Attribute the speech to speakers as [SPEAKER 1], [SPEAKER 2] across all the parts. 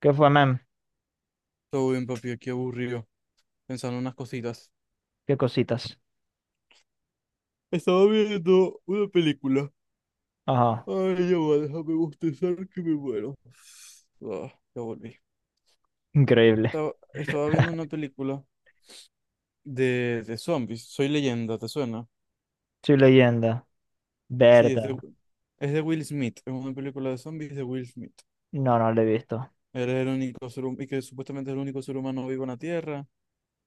[SPEAKER 1] ¿Qué fue, mem?
[SPEAKER 2] Todo bien, papi, aquí aburrido, pensando en unas cositas.
[SPEAKER 1] ¿Qué cositas?
[SPEAKER 2] Estaba viendo una película.
[SPEAKER 1] Ajá,
[SPEAKER 2] Ay, ya va, déjame bostezar que me muero. Ah, ya volví.
[SPEAKER 1] increíble.
[SPEAKER 2] Estaba viendo una película de zombies, Soy Leyenda, ¿te suena?
[SPEAKER 1] Soy leyenda.
[SPEAKER 2] Sí, es de,
[SPEAKER 1] Verdad.
[SPEAKER 2] es de Will Smith, es una película de zombies de Will Smith.
[SPEAKER 1] No, no lo he visto.
[SPEAKER 2] Él es el único ser humano, y que supuestamente es el único ser humano vivo en la Tierra,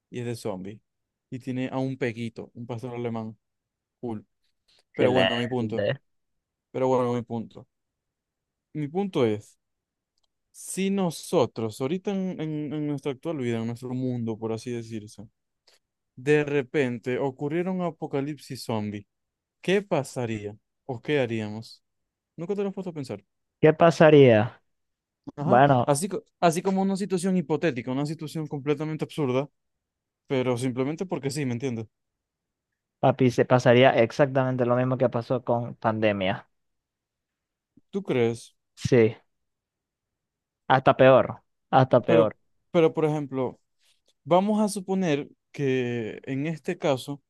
[SPEAKER 2] y es de zombies. Y tiene a un pequito, un pastor alemán, cool. Pero bueno, a mi punto.
[SPEAKER 1] Excelente.
[SPEAKER 2] Pero bueno, a mi punto. Mi punto es, si nosotros, ahorita en nuestra actual vida, en nuestro mundo, por así decirse, de repente ocurriera un apocalipsis zombie, ¿qué pasaría? ¿O qué haríamos? Nunca te lo has puesto a pensar.
[SPEAKER 1] ¿Qué pasaría?
[SPEAKER 2] Ajá.
[SPEAKER 1] Bueno,
[SPEAKER 2] Así como una situación hipotética, una situación completamente absurda, pero simplemente porque sí, ¿me entiendes?
[SPEAKER 1] papi, se pasaría exactamente lo mismo que pasó con pandemia.
[SPEAKER 2] ¿Tú crees?
[SPEAKER 1] Sí, hasta peor. Hasta
[SPEAKER 2] Pero,
[SPEAKER 1] peor.
[SPEAKER 2] pero, por ejemplo, vamos a suponer que en este caso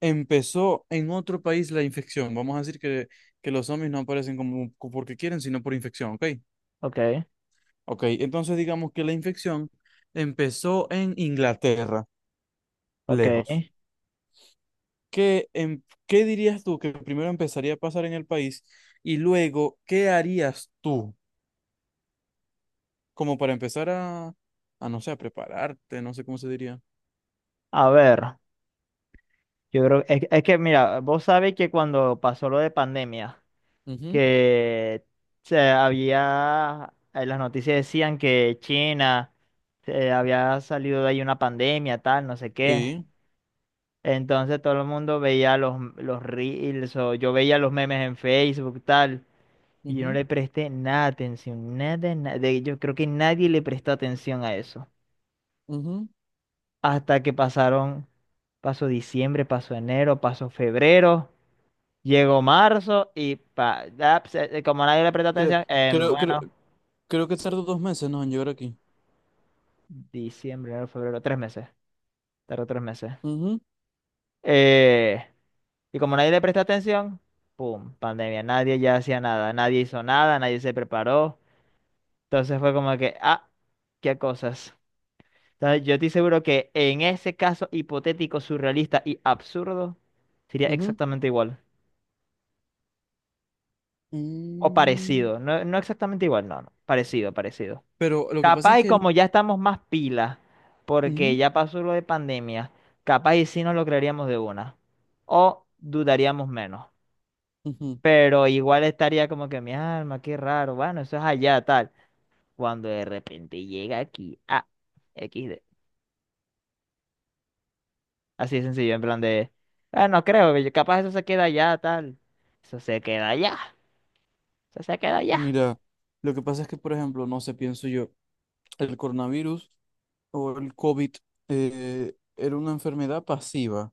[SPEAKER 2] empezó en otro país la infección. Vamos a decir que los zombies no aparecen como porque quieren, sino por infección, ¿ok?
[SPEAKER 1] Ok,
[SPEAKER 2] Ok, entonces digamos que la infección empezó en Inglaterra,
[SPEAKER 1] ok.
[SPEAKER 2] lejos. ¿Qué, qué dirías tú que primero empezaría a pasar en el país y luego qué harías tú como para empezar a no sé, a prepararte, no sé cómo se diría?
[SPEAKER 1] A ver, yo creo, es que mira, vos sabés que cuando pasó lo de pandemia,
[SPEAKER 2] Ujú.
[SPEAKER 1] que las noticias decían que China había salido de ahí una pandemia, tal, no sé qué.
[SPEAKER 2] Sí,
[SPEAKER 1] Entonces todo el mundo veía los reels o yo veía los memes en Facebook, tal, y yo no
[SPEAKER 2] ujú,
[SPEAKER 1] le presté nada de atención, nada, nada. Yo creo que nadie le prestó atención a eso.
[SPEAKER 2] ujú.
[SPEAKER 1] Hasta que pasó diciembre, pasó enero, pasó febrero. Llegó marzo y como nadie le prestó
[SPEAKER 2] Cre-
[SPEAKER 1] atención,
[SPEAKER 2] Creo, creo,
[SPEAKER 1] bueno,
[SPEAKER 2] creo que tardó 2 meses, ¿no? En llegar aquí.
[SPEAKER 1] diciembre, enero, febrero, tres meses. Tardó tres meses.
[SPEAKER 2] Ujú,
[SPEAKER 1] Eh, y como nadie le presta atención, ¡pum! Pandemia. Nadie ya hacía nada. Nadie hizo nada, nadie se preparó. Entonces fue como que, ah, qué cosas. Entonces, yo estoy seguro que en ese caso hipotético, surrealista y absurdo, sería
[SPEAKER 2] ujú.
[SPEAKER 1] exactamente igual. O
[SPEAKER 2] Mm.
[SPEAKER 1] parecido. No, no exactamente igual, no, no. Parecido, parecido.
[SPEAKER 2] Pero lo que pasa es
[SPEAKER 1] Capaz y
[SPEAKER 2] que el.
[SPEAKER 1] como ya estamos más pilas, porque
[SPEAKER 2] Ujú,
[SPEAKER 1] ya pasó lo de pandemia, capaz y sí nos lo creeríamos de una. O dudaríamos menos.
[SPEAKER 2] ujú.
[SPEAKER 1] Pero igual estaría como que mi alma, qué raro, bueno, eso es allá, tal. Cuando de repente llega aquí, ah, XD. Así de sencillo, en plan de, ah, no creo, que capaz eso se queda allá, tal. Eso se queda allá, eso se queda allá.
[SPEAKER 2] Mira, lo que pasa es que, por ejemplo, no sé, pienso yo, el coronavirus o el COVID era una enfermedad pasiva.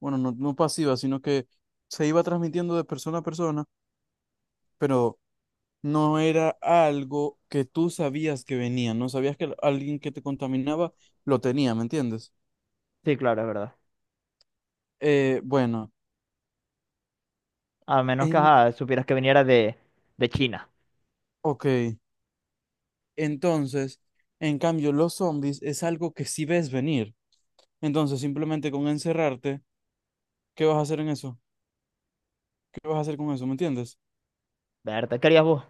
[SPEAKER 2] Bueno, no pasiva, sino que se iba transmitiendo de persona a persona, pero no era algo que tú sabías que venía, no sabías que alguien que te contaminaba lo tenía, ¿me entiendes?
[SPEAKER 1] Sí, claro, es verdad.
[SPEAKER 2] Bueno,
[SPEAKER 1] A menos que
[SPEAKER 2] en...
[SPEAKER 1] ajá, supieras que viniera de China.
[SPEAKER 2] Ok. Entonces, en cambio, los zombies es algo que sí ves venir. Entonces, simplemente con encerrarte, ¿qué vas a hacer en eso? ¿Qué vas a hacer con eso? ¿Me entiendes?
[SPEAKER 1] ¿Verdad? ¿Qué harías vos?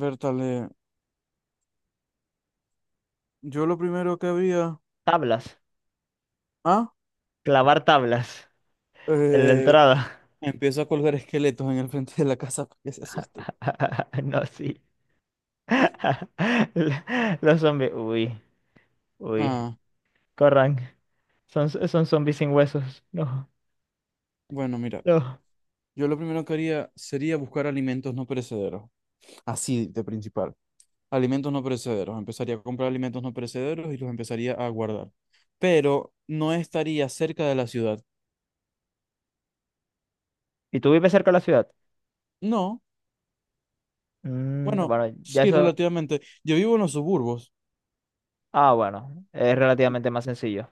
[SPEAKER 2] Bertale, yo lo primero que había.
[SPEAKER 1] Tablas,
[SPEAKER 2] Ah,
[SPEAKER 1] clavar tablas. En la
[SPEAKER 2] eh,
[SPEAKER 1] entrada.
[SPEAKER 2] empiezo a colgar esqueletos en el frente de la casa para que se asusten.
[SPEAKER 1] No, sí. Los zombies. Uy, uy.
[SPEAKER 2] Ah,
[SPEAKER 1] Corran. Son zombies sin huesos. No,
[SPEAKER 2] bueno, mira,
[SPEAKER 1] no.
[SPEAKER 2] yo lo primero que haría sería buscar alimentos no perecederos. Así de principal. Alimentos no perecederos. Empezaría a comprar alimentos no perecederos y los empezaría a guardar. Pero no estaría cerca de la ciudad.
[SPEAKER 1] ¿Y tú vives cerca de la ciudad?
[SPEAKER 2] No,
[SPEAKER 1] Mm,
[SPEAKER 2] bueno,
[SPEAKER 1] bueno, ya
[SPEAKER 2] sí,
[SPEAKER 1] eso.
[SPEAKER 2] relativamente. Yo vivo en los suburbos.
[SPEAKER 1] Ah, bueno. Es relativamente más sencillo.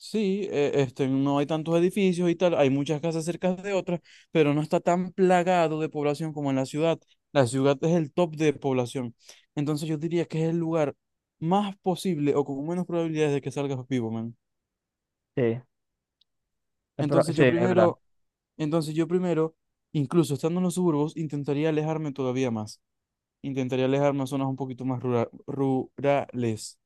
[SPEAKER 2] Sí, este, no hay tantos edificios y tal, hay muchas casas cerca de otras, pero no está tan plagado de población como en la ciudad. La ciudad es el top de población. Entonces yo diría que es el lugar más posible o con menos probabilidades de que salgas vivo, man.
[SPEAKER 1] Sí.
[SPEAKER 2] Entonces
[SPEAKER 1] Sí,
[SPEAKER 2] yo
[SPEAKER 1] es verdad.
[SPEAKER 2] primero, entonces yo primero, incluso estando en los suburbos, intentaría alejarme todavía más. Intentaría alejarme a zonas un poquito más rurales.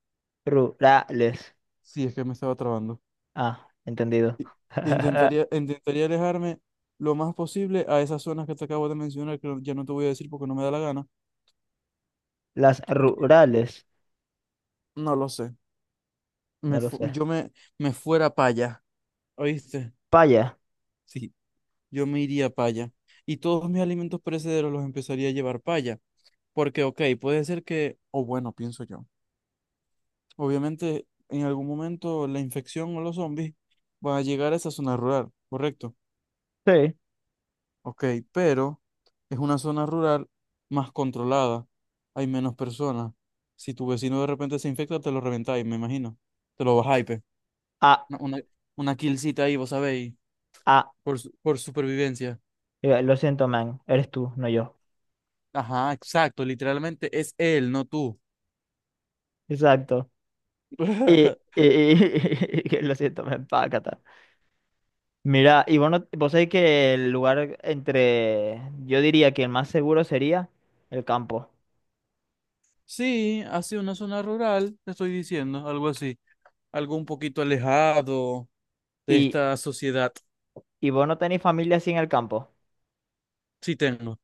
[SPEAKER 1] Rurales.
[SPEAKER 2] Sí, es que me estaba trabando.
[SPEAKER 1] Ah, entendido.
[SPEAKER 2] I- intentaría alejarme lo más posible a esas zonas que te acabo de mencionar, que ya no te voy a decir porque no me da la gana.
[SPEAKER 1] Las rurales.
[SPEAKER 2] No lo sé.
[SPEAKER 1] No
[SPEAKER 2] Me
[SPEAKER 1] lo
[SPEAKER 2] fu-
[SPEAKER 1] sé.
[SPEAKER 2] yo me, me fuera para allá, ¿oíste?
[SPEAKER 1] Paya.
[SPEAKER 2] Sí. Yo me iría para allá. Y todos mis alimentos perecederos los empezaría a llevar para allá. Porque, ok, puede ser que, o bueno, pienso yo. Obviamente, en algún momento la infección o los zombies van a llegar a esa zona rural, ¿correcto?
[SPEAKER 1] Sí.
[SPEAKER 2] Ok, pero es una zona rural más controlada, hay menos personas. Si tu vecino de repente se infecta, te lo reventáis, me imagino. Te lo bajáis, pe.
[SPEAKER 1] Ah,
[SPEAKER 2] Una, una, una killcita ahí, vos sabéis,
[SPEAKER 1] ah.
[SPEAKER 2] por, por supervivencia.
[SPEAKER 1] Lo siento, man. Eres tú, no yo.
[SPEAKER 2] Ajá, exacto, literalmente es él, no tú.
[SPEAKER 1] Exacto. Y, y, lo siento, me empaca. Mira, y bueno, vos sabés que el lugar entre, yo diría que el más seguro sería el campo.
[SPEAKER 2] Sí, así una zona rural, te estoy diciendo, algo así, algo un poquito alejado de
[SPEAKER 1] Y,
[SPEAKER 2] esta sociedad.
[SPEAKER 1] y vos no tenés familia así en el campo.
[SPEAKER 2] Sí tengo.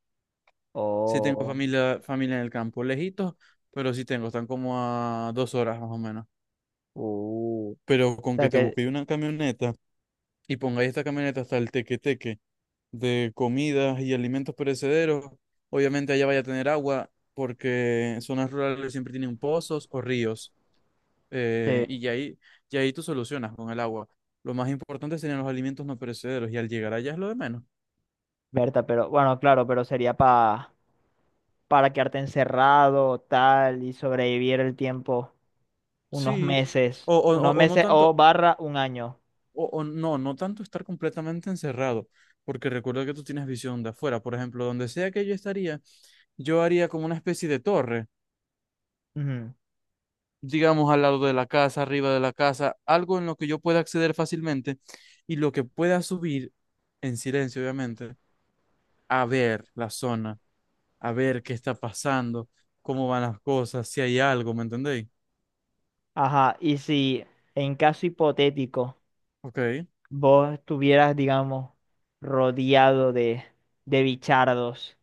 [SPEAKER 2] Sí tengo
[SPEAKER 1] Oh,
[SPEAKER 2] familia, familia en el campo, lejitos, pero sí tengo, están como a 2 horas más o menos.
[SPEAKER 1] uh. O
[SPEAKER 2] Pero con que
[SPEAKER 1] sea
[SPEAKER 2] te
[SPEAKER 1] que,
[SPEAKER 2] busquéis una camioneta y pongáis esta camioneta hasta el teque-teque de comidas y alimentos perecederos, obviamente allá vaya a tener agua, porque en zonas rurales siempre tienen pozos o ríos,
[SPEAKER 1] eh,
[SPEAKER 2] y ya ahí tú solucionas con el agua. Lo más importante serían los alimentos no perecederos, y al llegar allá es lo de menos.
[SPEAKER 1] Berta, pero bueno, claro, pero sería para quedarte encerrado, tal, y sobrevivir el tiempo,
[SPEAKER 2] Sí, o, o, o
[SPEAKER 1] unos
[SPEAKER 2] o no
[SPEAKER 1] meses
[SPEAKER 2] tanto,
[SPEAKER 1] o barra un año.
[SPEAKER 2] o no, tanto estar completamente encerrado, porque recuerda que tú tienes visión de afuera. Por ejemplo, donde sea que yo estaría, yo haría como una especie de torre,
[SPEAKER 1] Ujú.
[SPEAKER 2] digamos al lado de la casa, arriba de la casa, algo en lo que yo pueda acceder fácilmente y lo que pueda subir en silencio, obviamente, a ver la zona, a ver qué está pasando, cómo van las cosas, si hay algo, ¿me entendéis?
[SPEAKER 1] Ajá, y si en caso hipotético,
[SPEAKER 2] Ok,
[SPEAKER 1] vos estuvieras, digamos, rodeado de bichardos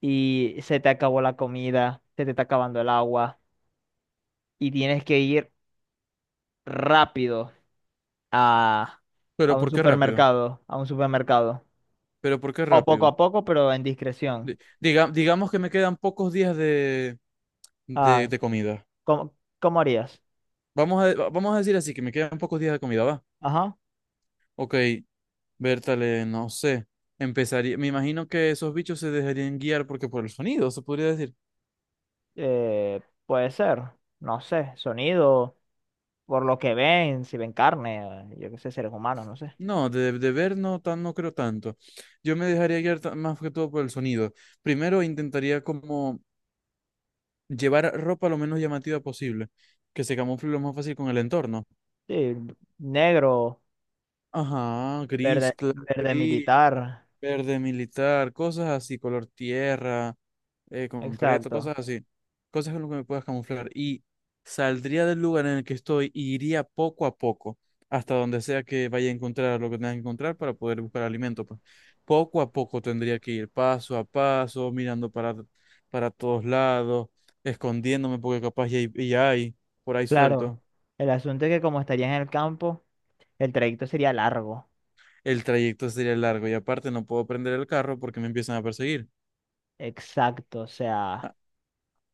[SPEAKER 1] y se te acabó la comida, se te está acabando el agua y tienes que ir rápido a, a
[SPEAKER 2] pero
[SPEAKER 1] un
[SPEAKER 2] ¿por qué rápido?
[SPEAKER 1] supermercado, a un supermercado,
[SPEAKER 2] ¿Pero por qué
[SPEAKER 1] o
[SPEAKER 2] rápido?
[SPEAKER 1] poco a poco, pero en discreción.
[SPEAKER 2] Digamos que me quedan pocos días de, de
[SPEAKER 1] Ah,
[SPEAKER 2] de comida.
[SPEAKER 1] ¿cómo, cómo harías?
[SPEAKER 2] Vamos a decir así, que me quedan pocos días de comida, ¿va?
[SPEAKER 1] Ajá,
[SPEAKER 2] Ok, Bertale, no sé. Empezaría, me imagino que esos bichos se dejarían guiar porque por el sonido, se podría decir.
[SPEAKER 1] eh, puede ser, no sé, sonido, por lo que ven, si ven carne, yo qué sé, seres humanos, no sé.
[SPEAKER 2] No, de ver no, no creo tanto. Yo me dejaría guiar más que todo por el sonido. Primero intentaría como llevar ropa lo menos llamativa posible, que se camufle lo más fácil con el entorno.
[SPEAKER 1] Sí, negro,
[SPEAKER 2] Ajá, gris,
[SPEAKER 1] verde,
[SPEAKER 2] claro.
[SPEAKER 1] verde militar.
[SPEAKER 2] Verde militar, cosas así, color tierra, concreto,
[SPEAKER 1] Exacto.
[SPEAKER 2] cosas así. Cosas con lo que me puedas camuflar. Y saldría del lugar en el que estoy y iría poco a poco, hasta donde sea que vaya a encontrar lo que tenga que encontrar para poder buscar alimento, pues. Poco a poco tendría que ir, paso a paso, mirando para todos lados, escondiéndome, porque capaz ya hay por ahí
[SPEAKER 1] Claro.
[SPEAKER 2] suelto.
[SPEAKER 1] El asunto es que como estarías en el campo, el trayecto sería largo.
[SPEAKER 2] El trayecto sería largo y aparte no puedo prender el carro porque me empiezan a perseguir.
[SPEAKER 1] Exacto. O sea,
[SPEAKER 2] Ah,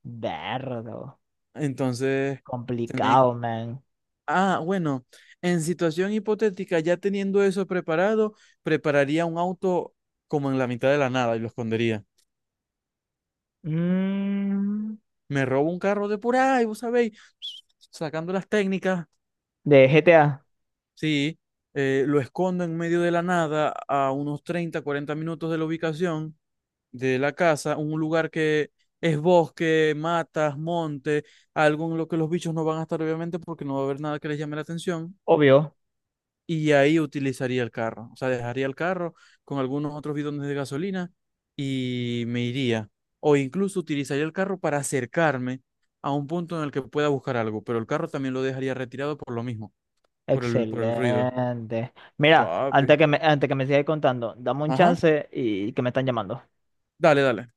[SPEAKER 1] verlo.
[SPEAKER 2] entonces. Tenéis-
[SPEAKER 1] Complicado, man.
[SPEAKER 2] Ah, bueno, en situación hipotética, ya teniendo eso preparado, prepararía un auto como en la mitad de la nada y lo escondería.
[SPEAKER 1] Mm,
[SPEAKER 2] Me robo un carro de por ahí, vos sabéis, sacando las técnicas,
[SPEAKER 1] de GTA,
[SPEAKER 2] sí, lo escondo en medio de la nada a unos 30, 40 minutos de la ubicación de la casa, un lugar que es bosque, matas, monte, algo en lo que los bichos no van a estar obviamente porque no va a haber nada que les llame la atención
[SPEAKER 1] obvio.
[SPEAKER 2] y ahí utilizaría el carro. O sea, dejaría el carro con algunos otros bidones de gasolina y me iría. O incluso utilizaría el carro para acercarme a un punto en el que pueda buscar algo, pero el carro también lo dejaría retirado por lo mismo, por el ruido.
[SPEAKER 1] Excelente. Mira,
[SPEAKER 2] Papi.
[SPEAKER 1] antes que me sigas contando, dame un
[SPEAKER 2] Ajá.
[SPEAKER 1] chance y que me están llamando.
[SPEAKER 2] Dale, dale.